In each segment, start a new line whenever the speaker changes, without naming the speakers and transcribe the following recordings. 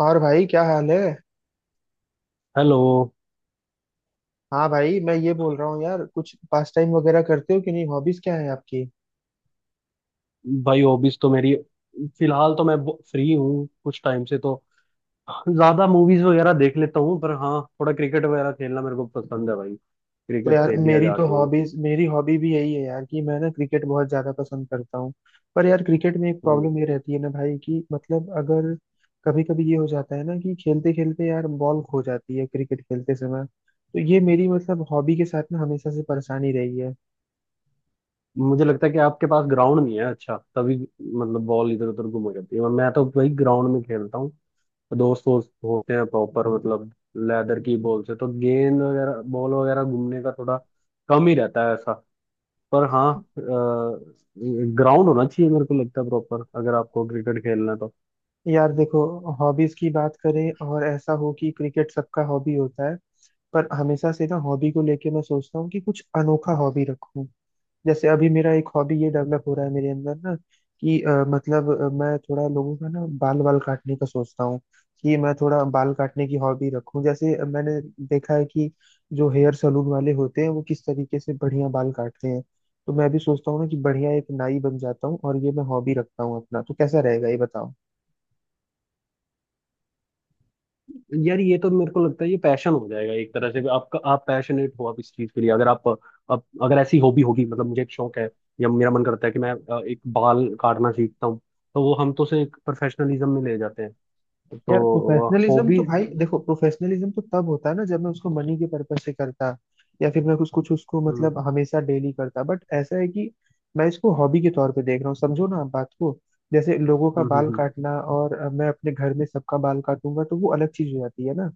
और भाई क्या हाल है।
हेलो।
हाँ भाई मैं ये बोल रहा हूँ यार, कुछ पास टाइम वगैरह करते हो कि नहीं? हॉबीज क्या है आपकी?
भाई हॉबीज तो मेरी फिलहाल तो मैं फ्री हूँ कुछ टाइम से। तो ज्यादा मूवीज वगैरह देख लेता हूँ। पर हाँ थोड़ा क्रिकेट वगैरह खेलना मेरे को पसंद है भाई।
तो
क्रिकेट
यार
खेल लिया
मेरी तो
जाके।
हॉबीज, मेरी हॉबी भी यही है यार कि मैं ना क्रिकेट बहुत ज्यादा पसंद करता हूँ। पर यार क्रिकेट में एक
हम्म,
प्रॉब्लम ये रहती है ना भाई कि मतलब अगर कभी कभी ये हो जाता है ना कि खेलते खेलते यार बॉल खो जाती है क्रिकेट खेलते समय, तो ये मेरी मतलब हॉबी के साथ ना हमेशा से परेशानी रही है।
मुझे लगता है कि आपके पास ग्राउंड नहीं है। अच्छा तभी मतलब बॉल इधर उधर घूम जाती है। मैं तो भाई ग्राउंड में खेलता हूँ। दोस्त वोस्त होते हैं प्रॉपर मतलब लेदर की बॉल से तो गेंद वगैरह बॉल वगैरह घूमने का थोड़ा कम ही रहता है ऐसा। पर हाँ ग्राउंड होना चाहिए मेरे को लगता है प्रॉपर, अगर आपको क्रिकेट खेलना है तो।
यार देखो, हॉबीज की बात करें और ऐसा हो कि क्रिकेट सबका हॉबी होता है। पर हमेशा से ना हॉबी को लेके मैं सोचता हूँ कि कुछ अनोखा हॉबी रखूं। जैसे अभी मेरा एक हॉबी ये डेवलप हो रहा है मेरे अंदर ना कि मतलब मैं थोड़ा लोगों का ना बाल बाल काटने का सोचता हूँ। कि मैं थोड़ा बाल काटने की हॉबी रखूं। जैसे मैंने देखा है कि जो हेयर सलून वाले होते हैं वो किस तरीके से बढ़िया बाल काटते हैं। तो मैं भी सोचता हूँ ना कि बढ़िया एक नाई बन जाता हूँ और ये मैं हॉबी रखता हूँ अपना, तो कैसा रहेगा ये बताओ?
यार ये तो मेरे को लगता है ये पैशन हो जाएगा एक तरह से भी आपका। आप पैशनेट हो आप इस चीज के लिए अगर आप आप अगर ऐसी हॉबी होगी मतलब मुझे एक शौक है या मेरा मन करता है कि मैं एक बाल काटना सीखता हूँ तो वो हम तो उसे एक प्रोफेशनलिज्म में ले जाते हैं।
यार
तो
प्रोफेशनलिज्म
हॉबी।
तो भाई देखो, प्रोफेशनलिज्म तो तब होता है ना जब मैं उसको मनी के पर्पज से करता, या फिर मैं कुछ कुछ उसको
हम्म,
मतलब हमेशा डेली करता। बट ऐसा है कि मैं इसको हॉबी के तौर पे देख रहा हूँ, समझो ना आप बात को। जैसे लोगों का
हम्म,
बाल
हम्म,
काटना, और मैं अपने घर में सबका बाल काटूंगा तो वो अलग चीज हो जाती है ना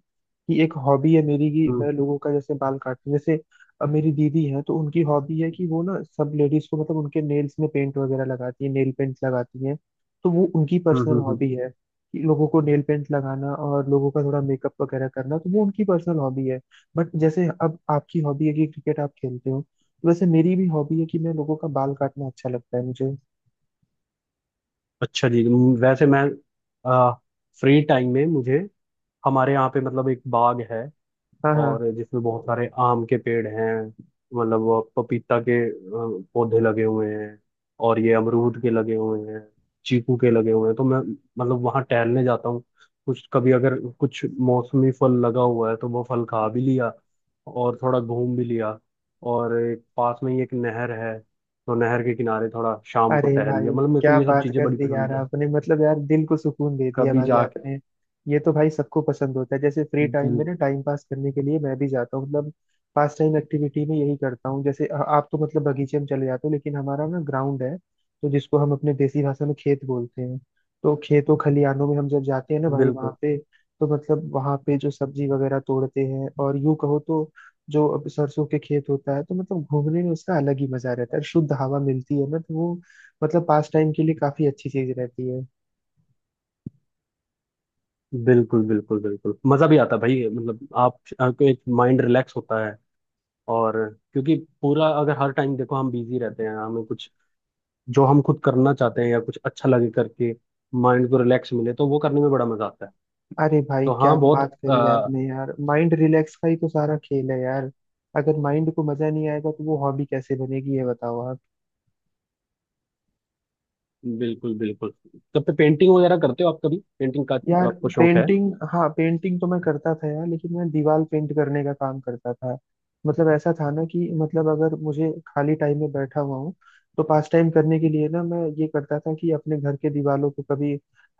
कि एक हॉबी है मेरी कि मैं
हम्म,
लोगों का जैसे बाल काटूं। जैसे मेरी दीदी है तो उनकी हॉबी है कि वो ना सब लेडीज को मतलब उनके नेल्स में पेंट वगैरह लगाती है, नेल पेंट लगाती है। तो वो उनकी
हम्म,
पर्सनल
हम्म।
हॉबी है कि लोगों को नेल पेंट लगाना और लोगों का थोड़ा मेकअप वगैरह करना, तो वो उनकी पर्सनल हॉबी है। बट जैसे अब आपकी हॉबी है कि क्रिकेट आप खेलते हो, तो वैसे मेरी भी हॉबी है कि मैं लोगों का बाल काटना अच्छा लगता है मुझे।
अच्छा जी। वैसे मैं फ्री टाइम में मुझे हमारे यहाँ पे मतलब एक बाग है
हाँ हाँ।
और जिसमें बहुत सारे आम के पेड़ हैं। मतलब वो पपीता के पौधे लगे हुए हैं और ये अमरूद के लगे हुए हैं, चीकू के लगे हुए हैं तो मैं मतलब वहाँ टहलने जाता हूँ। कुछ कभी अगर कुछ मौसमी फल लगा हुआ है तो वो फल खा भी लिया और थोड़ा घूम भी लिया। और एक पास में ही एक नहर है तो नहर के किनारे थोड़ा शाम को
अरे
टहल लिया।
भाई
मतलब मेरे को
क्या
ये सब
बात
चीज़ें
कर
बड़ी
दी यार
पसंद है।
आपने, मतलब यार दिल को सुकून दे दिया
कभी
भाई
जाके
आपने। ये तो भाई सबको पसंद होता है। जैसे फ्री टाइम
बिल,
में ना टाइम पास करने के लिए मैं भी जाता हूँ, मतलब पास टाइम एक्टिविटी में यही करता हूँ। जैसे आप तो मतलब बगीचे में चले जाते हो, लेकिन हमारा ना ग्राउंड है तो जिसको हम अपने देसी भाषा में खेत बोलते हैं। तो खेतों खलिहानों में हम जब जाते हैं ना भाई वहाँ
बिल्कुल
पे, तो मतलब वहाँ पे जो सब्जी वगैरह तोड़ते हैं, और यूं कहो तो जो अब सरसों के खेत होता है, तो मतलब घूमने में उसका अलग ही मजा रहता है, शुद्ध हवा मिलती है ना, तो वो मतलब पास टाइम के लिए काफी अच्छी चीज रहती है।
बिल्कुल बिल्कुल बिल्कुल मजा भी आता है भाई। मतलब आप आपको एक माइंड रिलैक्स होता है। और क्योंकि पूरा अगर हर टाइम देखो हम बिजी रहते हैं। हमें कुछ जो हम खुद करना चाहते हैं या कुछ अच्छा लगे करके माइंड को रिलैक्स मिले तो वो करने में बड़ा मजा आता है।
अरे भाई
तो
क्या
हाँ बहुत
बात करी
अ,
आपने यार, माइंड रिलैक्स का ही तो सारा खेल है यार। अगर माइंड को मजा नहीं आएगा तो वो हॉबी कैसे बनेगी, ये बताओ आप।
बिल्कुल बिल्कुल। तब पे पेंटिंग वगैरह करते हो आप? कभी पेंटिंग का
यार
आपको शौक है?
पेंटिंग, हाँ पेंटिंग तो मैं करता था यार, लेकिन मैं दीवार पेंट करने का काम करता था। मतलब ऐसा था ना कि मतलब अगर मुझे खाली टाइम में बैठा हुआ हूँ, तो पास टाइम करने के लिए ना मैं ये करता था कि अपने घर के दीवारों को कभी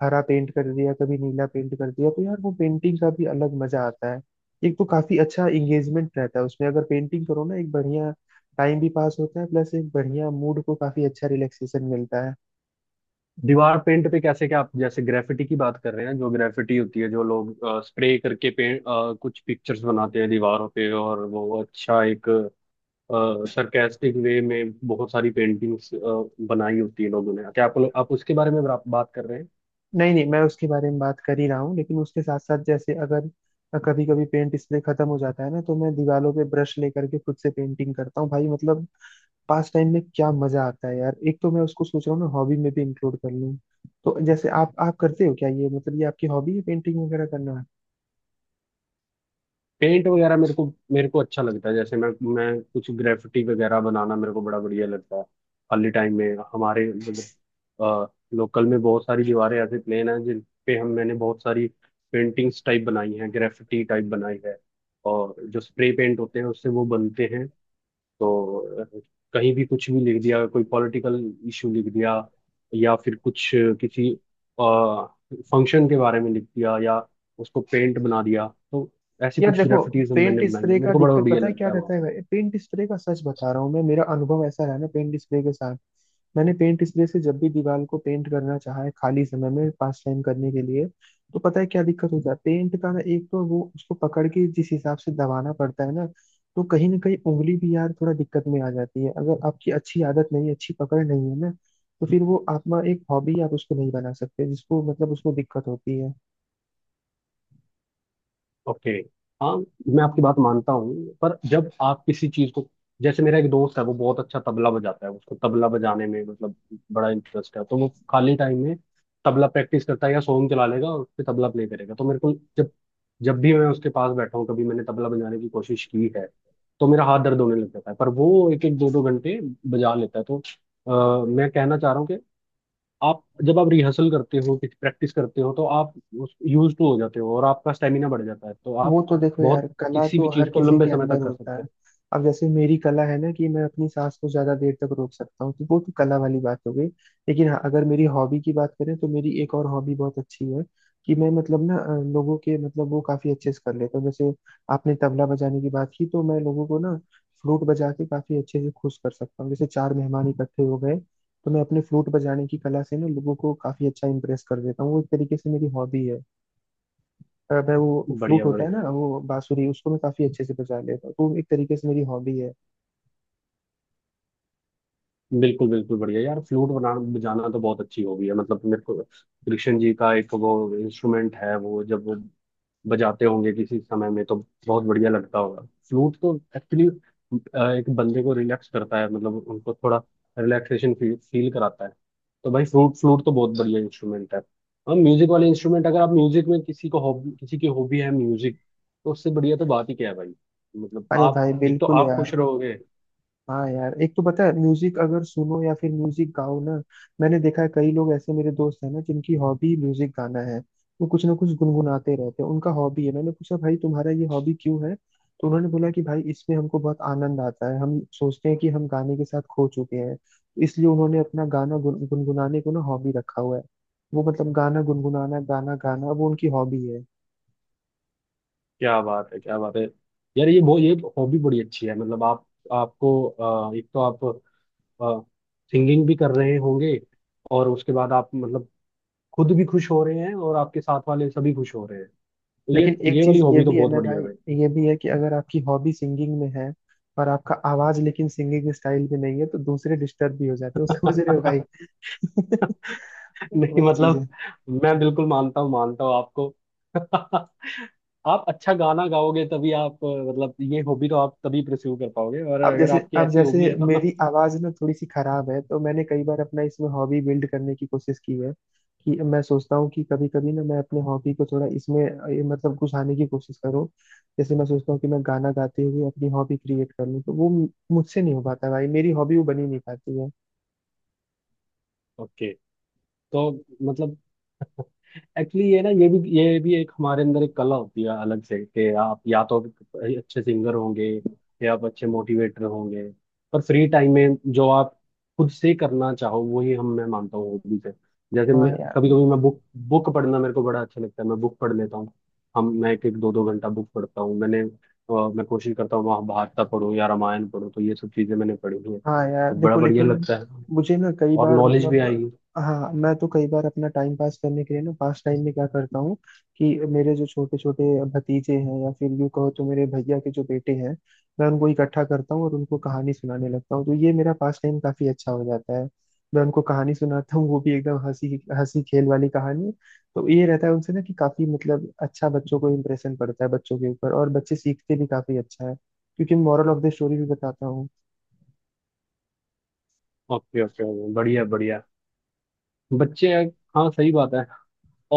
हरा पेंट कर दिया, कभी नीला पेंट कर दिया, तो यार वो पेंटिंग का भी अलग मजा आता है। एक तो काफी अच्छा एंगेजमेंट रहता है उसमें, अगर पेंटिंग करो ना, एक बढ़िया टाइम भी पास होता है, प्लस एक बढ़िया मूड को काफी अच्छा रिलैक्सेशन मिलता है।
दीवार पेंट पे कैसे? क्या आप जैसे ग्रेफिटी की बात कर रहे हैं? जो ग्रेफिटी होती है जो लोग स्प्रे करके पेंट कुछ पिक्चर्स बनाते हैं दीवारों पे, और वो अच्छा एक सरकास्टिक वे में बहुत सारी पेंटिंग्स बनाई होती है लोगों ने। क्या आप उसके बारे में बात कर रहे हैं?
नहीं नहीं, मैं उसके बारे में बात कर ही रहा हूँ, लेकिन उसके साथ साथ जैसे अगर कभी कभी पेंट स्प्रे खत्म हो जाता है ना, तो मैं दीवारों पे ब्रश लेकर के खुद से पेंटिंग करता हूँ भाई। मतलब पास टाइम में क्या मजा आता है यार, एक तो मैं उसको सोच रहा हूँ ना हॉबी में भी इंक्लूड कर लूँ। तो जैसे आप करते हो क्या ये, मतलब ये आपकी हॉबी है पेंटिंग वगैरह करना?
पेंट वगैरह मेरे को अच्छा लगता है। जैसे मैं कुछ ग्रेफिटी वगैरह बनाना मेरे को बड़ा बढ़िया लगता है। खाली टाइम में हमारे मतलब लोकल में बहुत सारी दीवारें ऐसे प्लेन हैं जिन पे हम मैंने बहुत सारी पेंटिंग्स टाइप बनाई हैं, ग्रेफिटी टाइप बनाई है। और जो स्प्रे पेंट होते हैं उससे वो बनते हैं। तो कहीं भी कुछ भी लिख दिया, कोई पॉलिटिकल इशू लिख दिया, या फिर कुछ किसी फंक्शन के बारे में लिख दिया, या उसको पेंट बना दिया। तो ऐसी
यार
कुछ
देखो,
ग्रेफिटीज हम मैंने
पेंट
बनाई हैं।
स्प्रे का
मेरे को बड़ा
दिक्कत
बढ़िया
पता है क्या
लगता है।
रहता है भाई, पेंट स्प्रे का सच बता रहा हूँ मैं, मेरा अनुभव ऐसा रहा ना पेंट स्प्रे के साथ। मैंने पेंट स्प्रे से जब भी दीवार को पेंट करना चाहा है खाली समय में पास टाइम करने के लिए, तो पता है क्या दिक्कत होता है पेंट का ना, एक तो वो उसको पकड़ के जिस हिसाब से दबाना पड़ता है ना, तो कहीं ना कहीं उंगली भी यार थोड़ा दिक्कत में आ जाती है, अगर आपकी अच्छी आदत नहीं है, अच्छी पकड़ नहीं है ना, तो फिर वो आप एक हॉबी आप उसको नहीं बना सकते, जिसको मतलब उसको दिक्कत होती है।
ओके। हाँ मैं आपकी बात मानता हूँ। पर जब आप किसी चीज को, जैसे मेरा एक दोस्त है वो बहुत अच्छा तबला बजाता है, उसको तबला बजाने में मतलब बड़ा इंटरेस्ट है, तो वो खाली टाइम में तबला प्रैक्टिस करता है या सॉन्ग चला लेगा और उस पे तबला प्ले करेगा। तो मेरे को, जब जब भी मैं उसके पास बैठा हूँ कभी मैंने तबला बजाने की कोशिश की है तो मेरा हाथ दर्द होने लग जाता है। पर वो एक एक दो दो घंटे बजा लेता है। तो मैं कहना चाह रहा हूँ आप जब आप रिहर्सल करते हो, कुछ प्रैक्टिस करते हो, तो आप उस यूज टू हो जाते हो और आपका स्टेमिना बढ़ जाता है तो आप
वो तो देखो यार,
बहुत
कला
किसी
तो
भी
हर
चीज को
किसी
लंबे
के
समय
अंदर
तक कर
होता है।
सकते
अब जैसे मेरी कला है ना कि मैं अपनी सांस को ज्यादा देर तक रोक सकता हूँ, तो वो तो कला वाली बात हो गई। लेकिन हाँ अगर मेरी हॉबी की बात करें तो मेरी एक और हॉबी बहुत अच्छी है कि मैं मतलब ना लोगों के मतलब वो काफी अच्छे से कर लेता हूँ। जैसे आपने तबला बजाने की बात की, तो मैं लोगों को ना फ्लूट बजा के काफी अच्छे से खुश कर सकता हूँ। जैसे चार मेहमान इकट्ठे हो गए, तो मैं अपने फ्लूट बजाने की कला से ना लोगों को काफी अच्छा इम्प्रेस कर देता हूँ, वो एक तरीके से मेरी हॉबी है। मैं वो
हैं।
फ्लूट
बढ़िया
होता है
बढ़िया।
ना वो बांसुरी, उसको मैं काफी अच्छे से बजा लेता हूँ, तो एक तरीके से मेरी हॉबी है।
बिल्कुल बिल्कुल बढ़िया यार। फ्लूट बनाना बजाना तो बहुत अच्छी हॉबी है। मतलब मेरे को कृष्ण जी का एक वो इंस्ट्रूमेंट है, वो जब वो बजाते होंगे किसी समय में तो बहुत बढ़िया लगता होगा। फ्लूट तो एक्चुअली एक बंदे को रिलैक्स करता है। मतलब उनको थोड़ा रिलैक्सेशन फील फील कराता है। तो भाई फ्लूट फ्लूट तो बहुत बढ़िया इंस्ट्रूमेंट है। और म्यूजिक वाले इंस्ट्रूमेंट, अगर आप म्यूजिक में किसी की हॉबी है म्यूजिक, तो उससे बढ़िया तो बात ही क्या है भाई। मतलब
अरे
आप
भाई
एक तो
बिल्कुल
आप
यार।
खुश रहोगे।
हाँ यार, एक तो पता है म्यूजिक अगर सुनो या फिर म्यूजिक गाओ ना, मैंने देखा है कई लोग ऐसे मेरे दोस्त हैं ना जिनकी हॉबी म्यूजिक गाना है। वो कुछ ना कुछ गुनगुनाते रहते हैं, उनका हॉबी है। मैंने पूछा भाई तुम्हारा ये हॉबी क्यों है, तो उन्होंने बोला कि भाई इसमें हमको बहुत आनंद आता है, हम सोचते हैं कि हम गाने के साथ खो चुके हैं, इसलिए उन्होंने अपना गाना गुनगुनाने को ना हॉबी रखा हुआ है। वो मतलब गाना गुनगुनाना, गाना गाना, वो उनकी हॉबी है।
क्या बात है, क्या बात है। यार ये हॉबी बड़ी अच्छी है। मतलब आप आपको एक तो आप सिंगिंग भी कर रहे होंगे और उसके बाद आप मतलब खुद भी खुश हो रहे हैं और आपके साथ वाले सभी खुश हो रहे हैं तो ये
लेकिन एक
ये वाली
चीज ये
हॉबी तो
भी है
बहुत
ना
बढ़िया है भाई।
भाई, ये भी है कि अगर आपकी हॉबी सिंगिंग में है और आपका आवाज लेकिन सिंगिंग स्टाइल में नहीं है, तो दूसरे डिस्टर्ब भी हो जाते हो, समझ रहे हो भाई?
नहीं
वही चीज
मतलब
है।
मैं बिल्कुल मानता हूँ, मानता हूँ आपको। आप अच्छा गाना गाओगे तभी आप मतलब ये हॉबी तो आप तभी प्रस्यू कर पाओगे, और
अब
अगर
जैसे
आपकी
अब
ऐसी
जैसे
हॉबी है
मेरी
तो।
आवाज ना थोड़ी सी खराब है, तो मैंने कई बार अपना इसमें हॉबी बिल्ड करने की कोशिश की है कि मैं सोचता हूँ कि कभी कभी ना मैं अपने हॉबी को थोड़ा इसमें ये मतलब घुसाने की कोशिश करूँ। जैसे मैं सोचता हूँ कि मैं गाना गाते हुए अपनी हॉबी क्रिएट कर लूँ, तो वो मुझसे नहीं हो पाता भाई, मेरी हॉबी वो बनी नहीं पाती है।
ओके। तो मतलब एक्चुअली ये ना, ये भी एक हमारे अंदर एक कला होती है अलग से कि आप या तो अच्छे सिंगर होंगे या आप अच्छे मोटिवेटर होंगे। पर फ्री टाइम में जो आप खुद से करना चाहो वही, हम मैं मानता हूँ, हॉबी से। जैसे
हाँ
मैं
यार।
कभी कभी मैं बुक बुक पढ़ना मेरे को बड़ा अच्छा लगता है। मैं बुक पढ़ लेता हूँ। हम मैं एक एक दो दो घंटा बुक पढ़ता हूँ। मैं कोशिश करता हूँ महाभारत पढ़ूँ या रामायण पढ़ूँ, तो ये सब चीज़ें मैंने पढ़ी हुई हैं
हाँ यार
तो बड़ा
देखो,
बढ़िया
लेकिन
लगता है।
मुझे ना कई
और
बार
नॉलेज भी
मतलब,
आई।
हाँ मैं तो कई बार अपना टाइम पास करने के लिए ना पास टाइम में क्या करता हूँ कि मेरे जो छोटे छोटे भतीजे हैं या फिर यूँ कहो तो मेरे भैया के जो बेटे हैं, मैं उनको इकट्ठा करता हूँ और उनको कहानी सुनाने लगता हूँ, तो ये मेरा पास टाइम काफी अच्छा हो जाता है। मैं उनको कहानी सुनाता हूँ, वो भी एकदम हंसी हंसी खेल वाली कहानी। तो ये रहता है उनसे ना कि काफी मतलब अच्छा बच्चों को इम्प्रेशन पड़ता है बच्चों के ऊपर, और बच्चे सीखते भी काफी अच्छा है, क्योंकि मॉरल ऑफ द स्टोरी भी बताता हूँ।
Okay okay. बढ़िया बढ़िया। बच्चे हैं। हाँ सही बात है।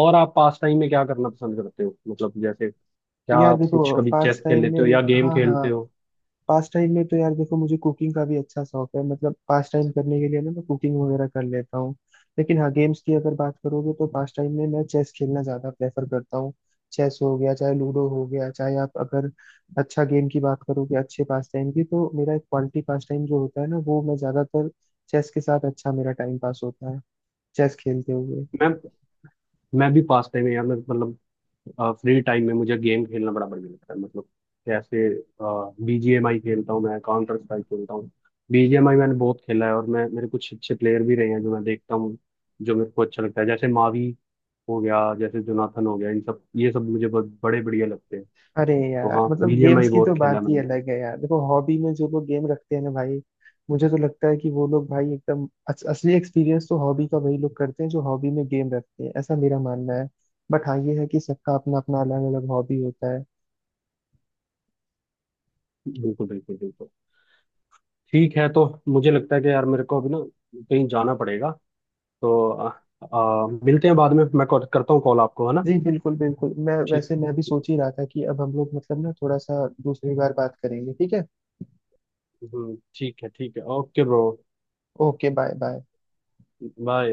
और आप पास टाइम में क्या करना पसंद करते हो? मतलब जैसे क्या
यार
आप कुछ
देखो
कभी
पास
चेस खेल
टाइम
लेते हो
में,
या गेम
हाँ हाँ,
खेलते हो?
पास टाइम में तो यार देखो, मुझे कुकिंग का भी अच्छा शौक है, मतलब पास टाइम करने के लिए ना मैं कुकिंग वगैरह कर लेता हूँ। लेकिन हाँ गेम्स की अगर बात करोगे तो पास टाइम में मैं चेस खेलना ज्यादा प्रेफर करता हूँ। चेस हो गया, चाहे लूडो हो गया, चाहे आप अगर अच्छा गेम की बात करोगे, अच्छे पास टाइम की, तो मेरा एक क्वालिटी पास टाइम जो होता है ना, वो मैं ज्यादातर चेस के साथ अच्छा मेरा टाइम पास होता है, चेस खेलते हुए।
मैं मैं भी पास टाइम में यार मैं मतलब फ्री टाइम में मुझे गेम खेलना बड़ा बढ़िया लगता है। मतलब जैसे बीजीएमआई खेलता हूँ मैं, काउंटर स्ट्राइक खेलता हूँ। बीजीएमआई मैंने बहुत खेला है। और मैं मेरे कुछ अच्छे प्लेयर भी रहे हैं जो मैं देखता हूँ, जो मेरे को अच्छा लगता है। जैसे मावी हो गया, जैसे जोनाथन हो गया, इन सब ये सब मुझे बहुत बड़े बढ़िया लगते हैं।
अरे
तो
यार
हाँ
मतलब
बीजीएमआई
गेम्स की
बहुत
तो
खेला
बात ही
मैंने।
अलग है यार। देखो हॉबी में जो लोग गेम रखते हैं ना भाई, मुझे तो लगता है कि वो लोग भाई एकदम असली एक्सपीरियंस तो हॉबी का वही लोग करते हैं जो हॉबी में गेम रखते हैं, ऐसा मेरा मानना है। बट हाँ ये है कि सबका अपना अपना अलग अलग हॉबी होता है।
बिल्कुल बिल्कुल बिल्कुल। ठीक है। तो मुझे लगता है कि यार मेरे को अभी ना कहीं जाना पड़ेगा। तो मिलते हैं बाद में। मैं करता हूँ कॉल आपको, है ना?
जी बिल्कुल बिल्कुल, मैं
ठीक।
वैसे मैं भी सोच ही रहा था कि अब हम लोग मतलब ना थोड़ा सा दूसरी बार बात करेंगे, ठीक है?
ठीक है, ठीक है। Okay bro.
Okay, bye bye.
Bye.